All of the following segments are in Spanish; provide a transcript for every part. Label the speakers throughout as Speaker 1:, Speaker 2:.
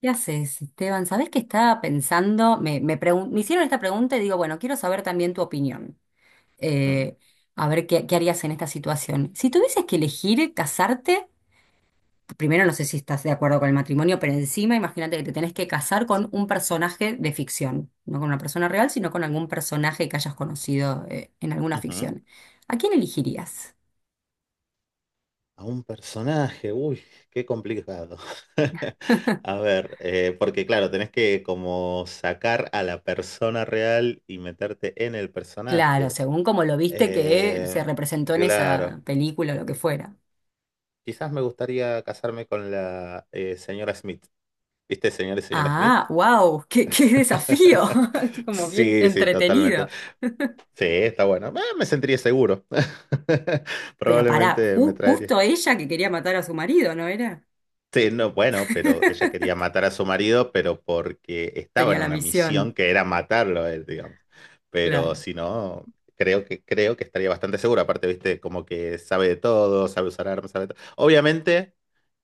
Speaker 1: ¿Qué haces, Esteban? ¿Sabés qué estaba pensando? Me hicieron esta pregunta y digo, bueno, quiero saber también tu opinión.
Speaker 2: Ujú,
Speaker 1: Eh, a ver qué harías en esta situación. Si tuvieses que elegir casarte, primero no sé si estás de acuerdo con el matrimonio, pero encima imagínate que te tenés que casar con un personaje de ficción, no con una persona real, sino con algún personaje que hayas conocido, en alguna
Speaker 2: ujú.
Speaker 1: ficción. ¿A quién elegirías?
Speaker 2: A un personaje, uy, qué complicado. A ver, porque claro, tenés que como sacar a la persona real y meterte en el
Speaker 1: Claro,
Speaker 2: personaje.
Speaker 1: según como lo viste que se
Speaker 2: Eh,
Speaker 1: representó en esa
Speaker 2: claro,
Speaker 1: película o lo que fuera.
Speaker 2: quizás me gustaría casarme con la señora Smith. ¿Viste, señor y señora Smith?
Speaker 1: Ah, wow, qué desafío, como bien
Speaker 2: Sí, sí, totalmente.
Speaker 1: entretenido.
Speaker 2: Sí, está bueno. Me sentiría seguro.
Speaker 1: Pero pará,
Speaker 2: Probablemente me traería.
Speaker 1: justo ella que quería matar a su marido, ¿no era?
Speaker 2: Sí, no, bueno, pero ella quería matar a su marido, pero porque estaba
Speaker 1: Tenía
Speaker 2: en
Speaker 1: la
Speaker 2: una misión
Speaker 1: misión,
Speaker 2: que era matarlo a él, digamos. Pero
Speaker 1: claro.
Speaker 2: si no, creo que estaría bastante segura. Aparte, viste, como que sabe de todo, sabe usar armas, sabe de todo. Obviamente,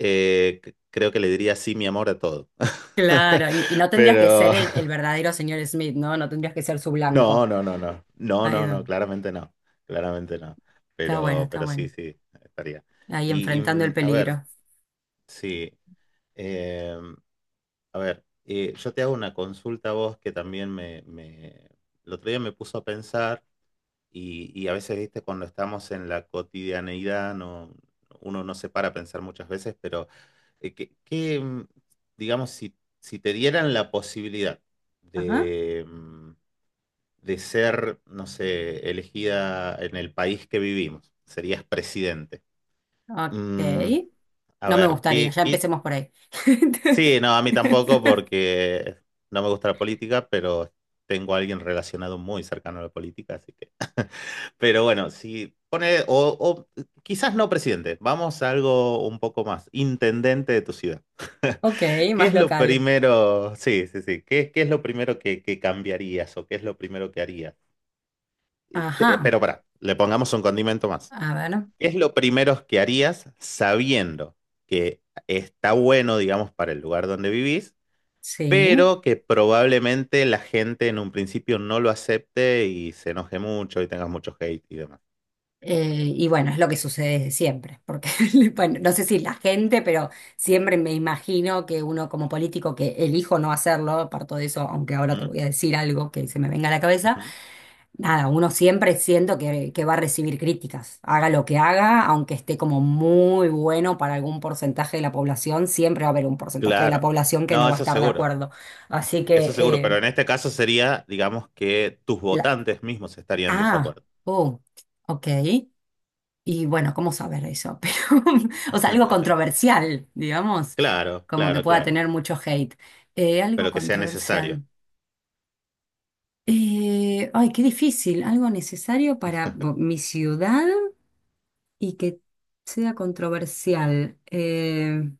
Speaker 2: creo que le diría sí, mi amor, a todo.
Speaker 1: Claro, y no tendrías que ser
Speaker 2: Pero
Speaker 1: el verdadero señor Smith, ¿no? No tendrías que ser su
Speaker 2: no,
Speaker 1: blanco.
Speaker 2: no, no, no. No,
Speaker 1: Ahí
Speaker 2: no,
Speaker 1: va.
Speaker 2: no, claramente no. Claramente no.
Speaker 1: Está bueno,
Speaker 2: Pero,
Speaker 1: está
Speaker 2: pero sí,
Speaker 1: bueno.
Speaker 2: sí, estaría.
Speaker 1: Ahí enfrentando el
Speaker 2: A ver,
Speaker 1: peligro.
Speaker 2: sí. em, A ver, yo te hago una consulta a vos que también el otro día me puso a pensar y a veces, viste, cuando estamos en la cotidianeidad, no, uno no se para a pensar muchas veces, pero eh, que, que, mm, digamos, si te dieran la posibilidad
Speaker 1: Ajá,
Speaker 2: de, mm, de ser, no sé, elegida en el país que vivimos, serías presidente. Mm,
Speaker 1: ok.
Speaker 2: a
Speaker 1: No me
Speaker 2: ver,
Speaker 1: gustaría,
Speaker 2: ¿qué,
Speaker 1: ya
Speaker 2: qué?
Speaker 1: empecemos por ahí.
Speaker 2: Sí, no, a mí tampoco porque no me gusta la política, pero tengo a alguien relacionado muy cercano a la política, así que... Pero bueno, si pone, o quizás no presidente, vamos a algo un poco más, intendente de tu ciudad.
Speaker 1: Ok,
Speaker 2: ¿Qué
Speaker 1: más
Speaker 2: es lo
Speaker 1: local.
Speaker 2: primero? Sí, sí, sí. ¿Qué es lo primero que cambiarías o qué es lo primero que harías?
Speaker 1: Ajá,
Speaker 2: Pero para, le pongamos un condimento más.
Speaker 1: a ver,
Speaker 2: ¿Qué es lo primero que harías sabiendo que está bueno, digamos, para el lugar donde vivís?
Speaker 1: sí.
Speaker 2: Pero que probablemente la gente en un principio no lo acepte y se enoje mucho y tengas mucho hate y demás.
Speaker 1: Y bueno, es lo que sucede siempre, porque bueno, no sé si la gente, pero siempre me imagino que uno como político que elijo no hacerlo, parto de eso, aunque ahora te
Speaker 2: Ujú,
Speaker 1: voy a decir algo que se me venga a la cabeza,
Speaker 2: ujú.
Speaker 1: nada, uno siempre siento que va a recibir críticas, haga lo que haga, aunque esté como muy bueno para algún porcentaje de la población, siempre va a haber un porcentaje de la
Speaker 2: Claro.
Speaker 1: población que no
Speaker 2: No,
Speaker 1: va a estar de acuerdo. Así
Speaker 2: eso
Speaker 1: que,
Speaker 2: seguro, pero en este caso sería, digamos, que tus
Speaker 1: la-
Speaker 2: votantes mismos estarían en
Speaker 1: ah,
Speaker 2: desacuerdo.
Speaker 1: oh, ok. Y bueno, ¿cómo saber eso? Pero, o sea, algo controversial, digamos,
Speaker 2: Claro,
Speaker 1: como que
Speaker 2: claro,
Speaker 1: pueda
Speaker 2: claro,
Speaker 1: tener mucho hate. Algo
Speaker 2: pero que sea necesario.
Speaker 1: controversial. Ay, qué difícil. Algo necesario para mi ciudad y que sea controversial.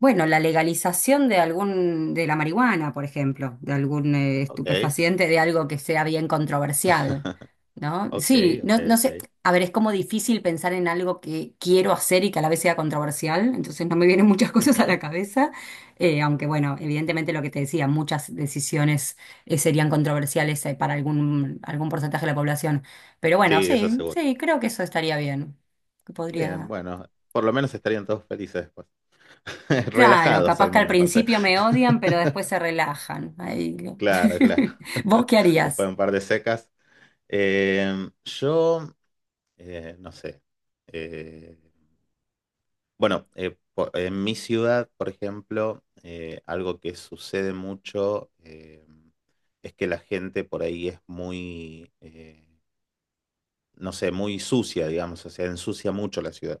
Speaker 1: Bueno, la legalización de la marihuana, por ejemplo, de algún
Speaker 2: Ok,
Speaker 1: estupefaciente, de algo que sea bien controversial, ¿no?
Speaker 2: ok,
Speaker 1: Sí,
Speaker 2: ok,
Speaker 1: no, no
Speaker 2: ok.
Speaker 1: sé, a ver, es como difícil pensar en algo que quiero hacer y que a la vez sea controversial, entonces no me vienen muchas cosas a
Speaker 2: Ujú.
Speaker 1: la cabeza, aunque bueno, evidentemente lo que te decía, muchas decisiones serían controversiales para algún porcentaje de la población, pero bueno,
Speaker 2: Sí, eso
Speaker 1: sí,
Speaker 2: seguro.
Speaker 1: sí, creo que eso estaría bien, que
Speaker 2: Bien,
Speaker 1: podría...
Speaker 2: bueno, por lo menos estarían todos felices después.
Speaker 1: Claro,
Speaker 2: Relajados
Speaker 1: capaz
Speaker 2: al
Speaker 1: que al
Speaker 2: menos, no sé.
Speaker 1: principio me odian, pero después se relajan. Ahí
Speaker 2: Claro, claro.
Speaker 1: ¿Vos qué
Speaker 2: Después de
Speaker 1: harías?
Speaker 2: un par de secas. Eh, yo, no sé. Eh, bueno, en mi ciudad, por ejemplo, algo que sucede mucho es que la gente por ahí es muy, no sé, muy sucia, digamos. O sea, ensucia mucho la ciudad.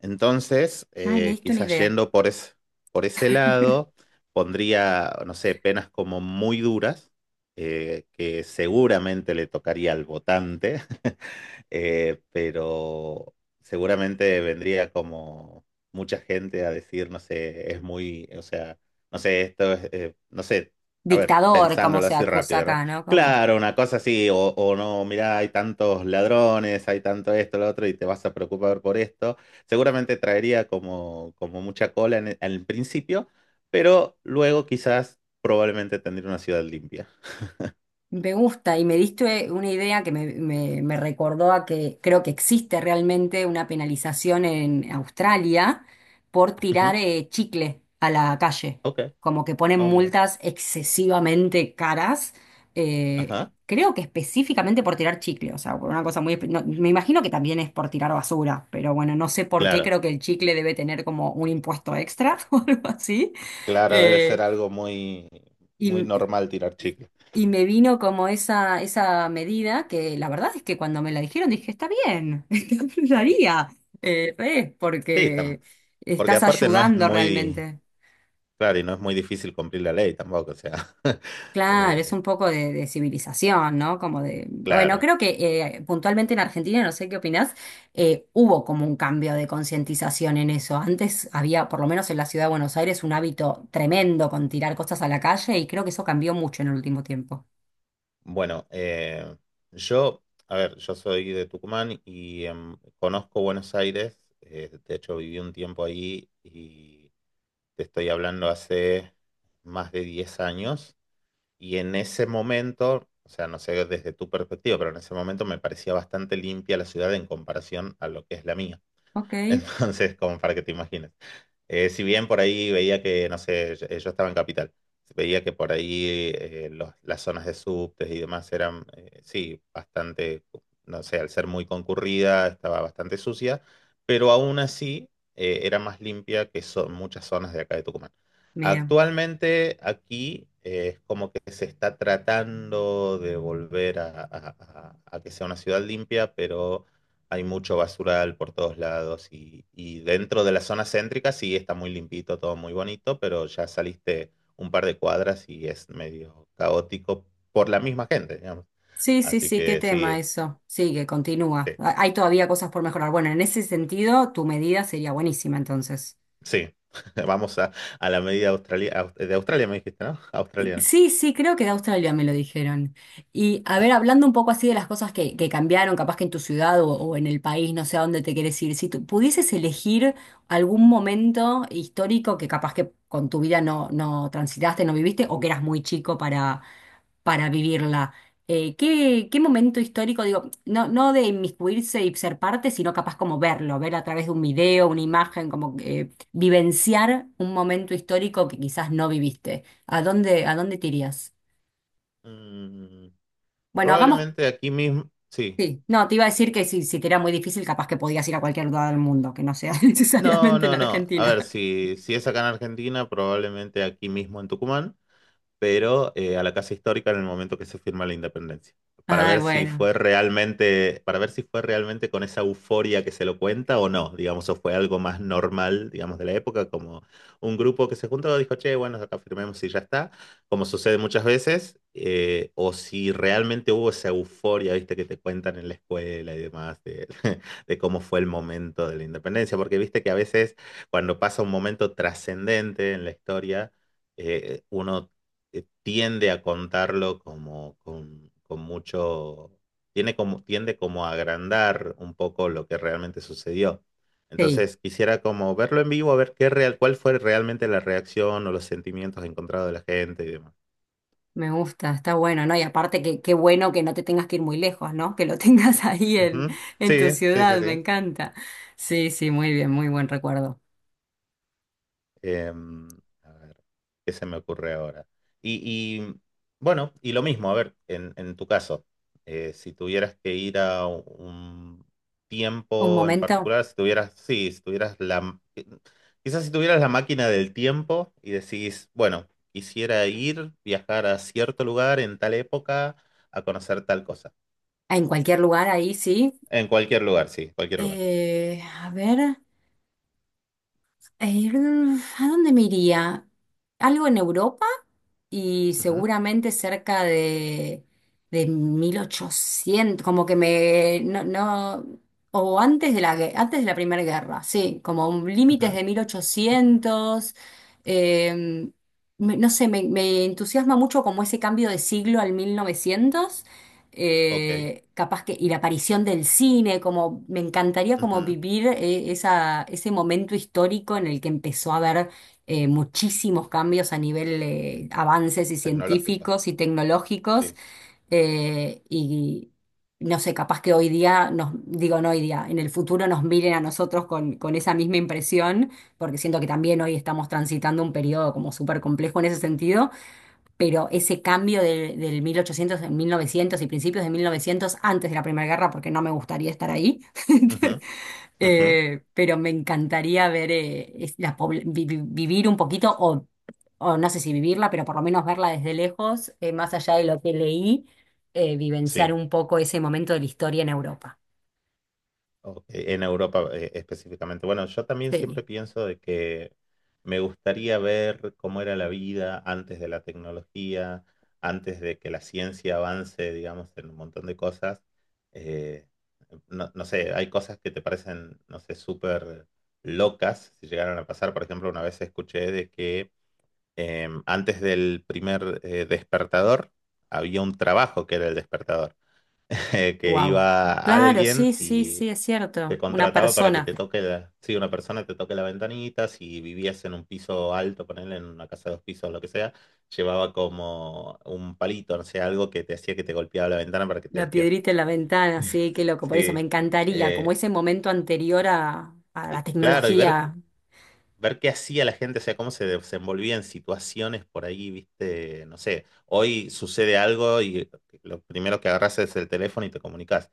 Speaker 2: Entonces,
Speaker 1: Ay, me diste una
Speaker 2: quizás
Speaker 1: idea.
Speaker 2: yendo por ese lado, pondría, no sé, penas como muy duras, que seguramente le tocaría al votante, pero seguramente vendría como mucha gente a decir, no sé, es muy, o sea, no sé, esto es, no sé, a ver,
Speaker 1: Dictador, como
Speaker 2: pensándolo
Speaker 1: se
Speaker 2: así
Speaker 1: acusa
Speaker 2: rápido, ¿no?
Speaker 1: acá, ¿no? Como.
Speaker 2: Claro, una cosa así, o no, mirá, hay tantos ladrones, hay tanto esto, lo otro, y te vas a preocupar por esto. Seguramente traería como mucha cola al principio, pero luego quizás probablemente tendría una ciudad limpia.
Speaker 1: Me gusta y me diste una idea que me recordó a que creo que existe realmente una penalización en Australia por tirar
Speaker 2: Ujú,
Speaker 1: chicle a la calle,
Speaker 2: ok,
Speaker 1: como que ponen
Speaker 2: oh, mira,
Speaker 1: multas excesivamente caras, eh,
Speaker 2: ajá.
Speaker 1: creo que específicamente por tirar chicle, o sea, por una cosa muy. No, me imagino que también es por tirar basura, pero bueno, no sé por qué
Speaker 2: Claro,
Speaker 1: creo que el chicle debe tener como un impuesto extra o algo así.
Speaker 2: claro, debe ser algo muy, muy
Speaker 1: Eh,
Speaker 2: normal tirar chicle.
Speaker 1: y me vino como esa medida que la verdad es que cuando me la dijeron dije, está bien, lo haría, re,
Speaker 2: Sí,
Speaker 1: porque
Speaker 2: porque
Speaker 1: estás
Speaker 2: aparte no es
Speaker 1: ayudando
Speaker 2: muy,
Speaker 1: realmente.
Speaker 2: claro, y no es muy difícil cumplir la ley tampoco, o sea,
Speaker 1: Claro, es
Speaker 2: eh,
Speaker 1: un poco de civilización, ¿no? Como de, bueno,
Speaker 2: claro.
Speaker 1: creo que puntualmente en Argentina, no sé qué opinás, hubo como un cambio de concientización en eso. Antes había, por lo menos en la ciudad de Buenos Aires, un hábito tremendo con tirar cosas a la calle y creo que eso cambió mucho en el último tiempo.
Speaker 2: Bueno, yo, a ver, yo soy de Tucumán y conozco Buenos Aires, de hecho viví un tiempo ahí y te estoy hablando hace más de 10 años. Y en ese momento, o sea, no sé desde tu perspectiva, pero en ese momento me parecía bastante limpia la ciudad en comparación a lo que es la mía.
Speaker 1: Ok,
Speaker 2: Entonces, como para que te imagines. Si bien por ahí veía que, no sé, yo estaba en Capital, veía que por ahí las zonas de subtes y demás eran, sí, bastante, no sé, al ser muy concurrida, estaba bastante sucia, pero aún así era más limpia que son muchas zonas de acá de Tucumán.
Speaker 1: mira.
Speaker 2: Actualmente aquí es como que se está tratando de volver a que sea una ciudad limpia, pero hay mucho basural por todos lados y dentro de la zona céntrica sí está muy limpito, todo muy bonito, pero ya saliste un par de cuadras y es medio caótico por la misma gente, digamos.
Speaker 1: Sí, sí,
Speaker 2: Así
Speaker 1: sí, qué
Speaker 2: que
Speaker 1: tema
Speaker 2: sí,
Speaker 1: eso. Sí, que continúa.
Speaker 2: sí,
Speaker 1: Hay todavía cosas por mejorar. Bueno, en ese sentido, tu medida sería buenísima entonces.
Speaker 2: sí. Vamos a la medida australia, de Australia, me dijiste, ¿no? Australiana.
Speaker 1: Sí, sí, creo que de Australia me lo dijeron. Y a ver, hablando un poco así de las cosas que cambiaron, capaz que en tu ciudad o en el país, no sé a dónde te quieres ir, si tú pudieses elegir algún momento histórico que capaz que con tu vida no, no transitaste, no viviste, o que eras muy chico para vivirla. ¿Qué momento histórico, digo, no, no de inmiscuirse y ser parte, sino capaz como verlo, ver a través de un video, una imagen, como vivenciar un momento histórico que quizás no viviste? ¿A dónde te irías?
Speaker 2: Mm,
Speaker 1: Bueno, hagamos.
Speaker 2: Probablemente aquí mismo, sí.
Speaker 1: Sí, no, te iba a decir que si te era muy difícil, capaz que podías ir a cualquier lugar del mundo, que no sea
Speaker 2: No,
Speaker 1: necesariamente en
Speaker 2: no, no. A
Speaker 1: Argentina.
Speaker 2: ver, si es acá en Argentina, probablemente aquí mismo en Tucumán. Pero a la Casa Histórica en el momento que se firma la independencia,
Speaker 1: Ah, bueno,
Speaker 2: para ver si fue realmente con esa euforia que se lo cuenta o no, digamos, o fue algo más normal, digamos, de la época, como un grupo que se juntó, dijo, che, bueno, acá firmemos y ya está, como sucede muchas veces, o si realmente hubo esa euforia, viste, que te cuentan en la escuela y demás, de, de cómo fue el momento de la independencia, porque viste que a veces cuando pasa un momento trascendente en la historia, uno tiende a contarlo como con, mucho, tiende como a agrandar un poco lo que realmente sucedió.
Speaker 1: sí.
Speaker 2: Entonces quisiera como verlo en vivo, a ver cuál fue realmente la reacción o los sentimientos encontrados de la gente y demás.
Speaker 1: Me gusta, está bueno, ¿no? Y aparte que qué bueno que no te tengas que ir muy lejos, ¿no? Que lo tengas ahí en,
Speaker 2: Ujú.
Speaker 1: en
Speaker 2: Sí,
Speaker 1: tu
Speaker 2: sí, sí,
Speaker 1: ciudad, me
Speaker 2: sí.
Speaker 1: encanta. Sí, sí, muy bien, muy buen recuerdo.
Speaker 2: Em, a ver, ¿qué se me ocurre ahora? Y, y, bueno, y lo mismo, a ver, en tu caso, si tuvieras que ir a un
Speaker 1: Un
Speaker 2: tiempo en
Speaker 1: momento,
Speaker 2: particular, sí, quizás si tuvieras la máquina del tiempo y decís, bueno, quisiera viajar a cierto lugar en tal época a conocer tal cosa.
Speaker 1: en cualquier lugar ahí, sí.
Speaker 2: En cualquier lugar, sí, cualquier lugar.
Speaker 1: A ver, eh, ¿a dónde me iría? ¿Algo en Europa? Y
Speaker 2: Ujú,
Speaker 1: seguramente cerca de 1800 como que me, no, no, o antes de la Primera Guerra, sí, como límites
Speaker 2: ujú,
Speaker 1: de 1800. Eh, me- no sé, me entusiasma mucho como ese cambio de siglo al 1900.
Speaker 2: ok,
Speaker 1: Capaz que, y la aparición del cine, como me encantaría como
Speaker 2: ujú,
Speaker 1: vivir ese momento histórico en el que empezó a haber muchísimos cambios a nivel avances y
Speaker 2: tecnológico,
Speaker 1: científicos y tecnológicos,
Speaker 2: sí.
Speaker 1: y no sé, capaz que hoy día nos, digo no hoy día, en el futuro nos miren a nosotros con esa misma impresión, porque siento que también hoy estamos transitando un periodo como súper complejo en ese sentido, pero ese cambio del 1800 en 1900 y principios de 1900 antes de la Primera Guerra, porque no me gustaría estar ahí,
Speaker 2: Ujú, ujú,
Speaker 1: pero me encantaría ver, es- la pobl- vi- vi- vivir un poquito, o no sé si vivirla, pero por lo menos verla desde lejos, más allá de lo que leí, vivenciar
Speaker 2: sí.
Speaker 1: un poco ese momento de la historia en Europa.
Speaker 2: Ok, en Europa específicamente. Bueno, yo también siempre
Speaker 1: Sí,
Speaker 2: pienso de que me gustaría ver cómo era la vida antes de la tecnología, antes de que la ciencia avance, digamos, en un montón de cosas. Eh, no, no sé, hay cosas que te parecen, no sé, súper locas si llegaron a pasar. Por ejemplo, una vez escuché de que antes del primer despertador había un trabajo que era el despertador que
Speaker 1: wow.
Speaker 2: iba
Speaker 1: Claro,
Speaker 2: alguien
Speaker 1: sí, sí,
Speaker 2: y
Speaker 1: sí, es
Speaker 2: te
Speaker 1: cierto. Una
Speaker 2: contrataba para que
Speaker 1: persona.
Speaker 2: te toque la, sí, una persona te toque la ventanita, si vivías en un piso alto, ponerle en una casa de dos pisos, lo que sea, llevaba como un palito, no sé, algo que te hacía que te golpeaba la ventana para que te
Speaker 1: La
Speaker 2: despiertes.
Speaker 1: piedrita en la ventana, sí, qué loco, por eso me
Speaker 2: Sí,
Speaker 1: encantaría, como
Speaker 2: eh,
Speaker 1: ese momento anterior a la
Speaker 2: y claro, y
Speaker 1: tecnología.
Speaker 2: ver qué hacía la gente, o sea, cómo se desenvolvía en situaciones por ahí, viste, no sé, hoy sucede algo y lo primero que agarras es el teléfono y te comunicas.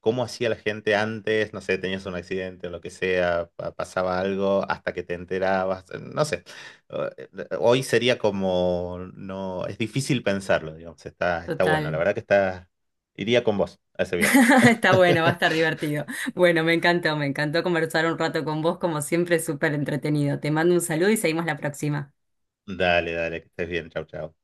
Speaker 2: Cómo hacía la gente antes, no sé, tenías un accidente o lo que sea, pasaba algo hasta que te enterabas, no sé. Eh, Hoy sería como, no, es difícil pensarlo, digamos, está bueno, la
Speaker 1: Total.
Speaker 2: verdad que iría con vos a ese viaje.
Speaker 1: Está bueno, va a estar divertido. Bueno, me encantó conversar un rato con vos, como siempre, súper entretenido. Te mando un saludo y seguimos la próxima.
Speaker 2: Dale, dale, que estés bien, chau, chau.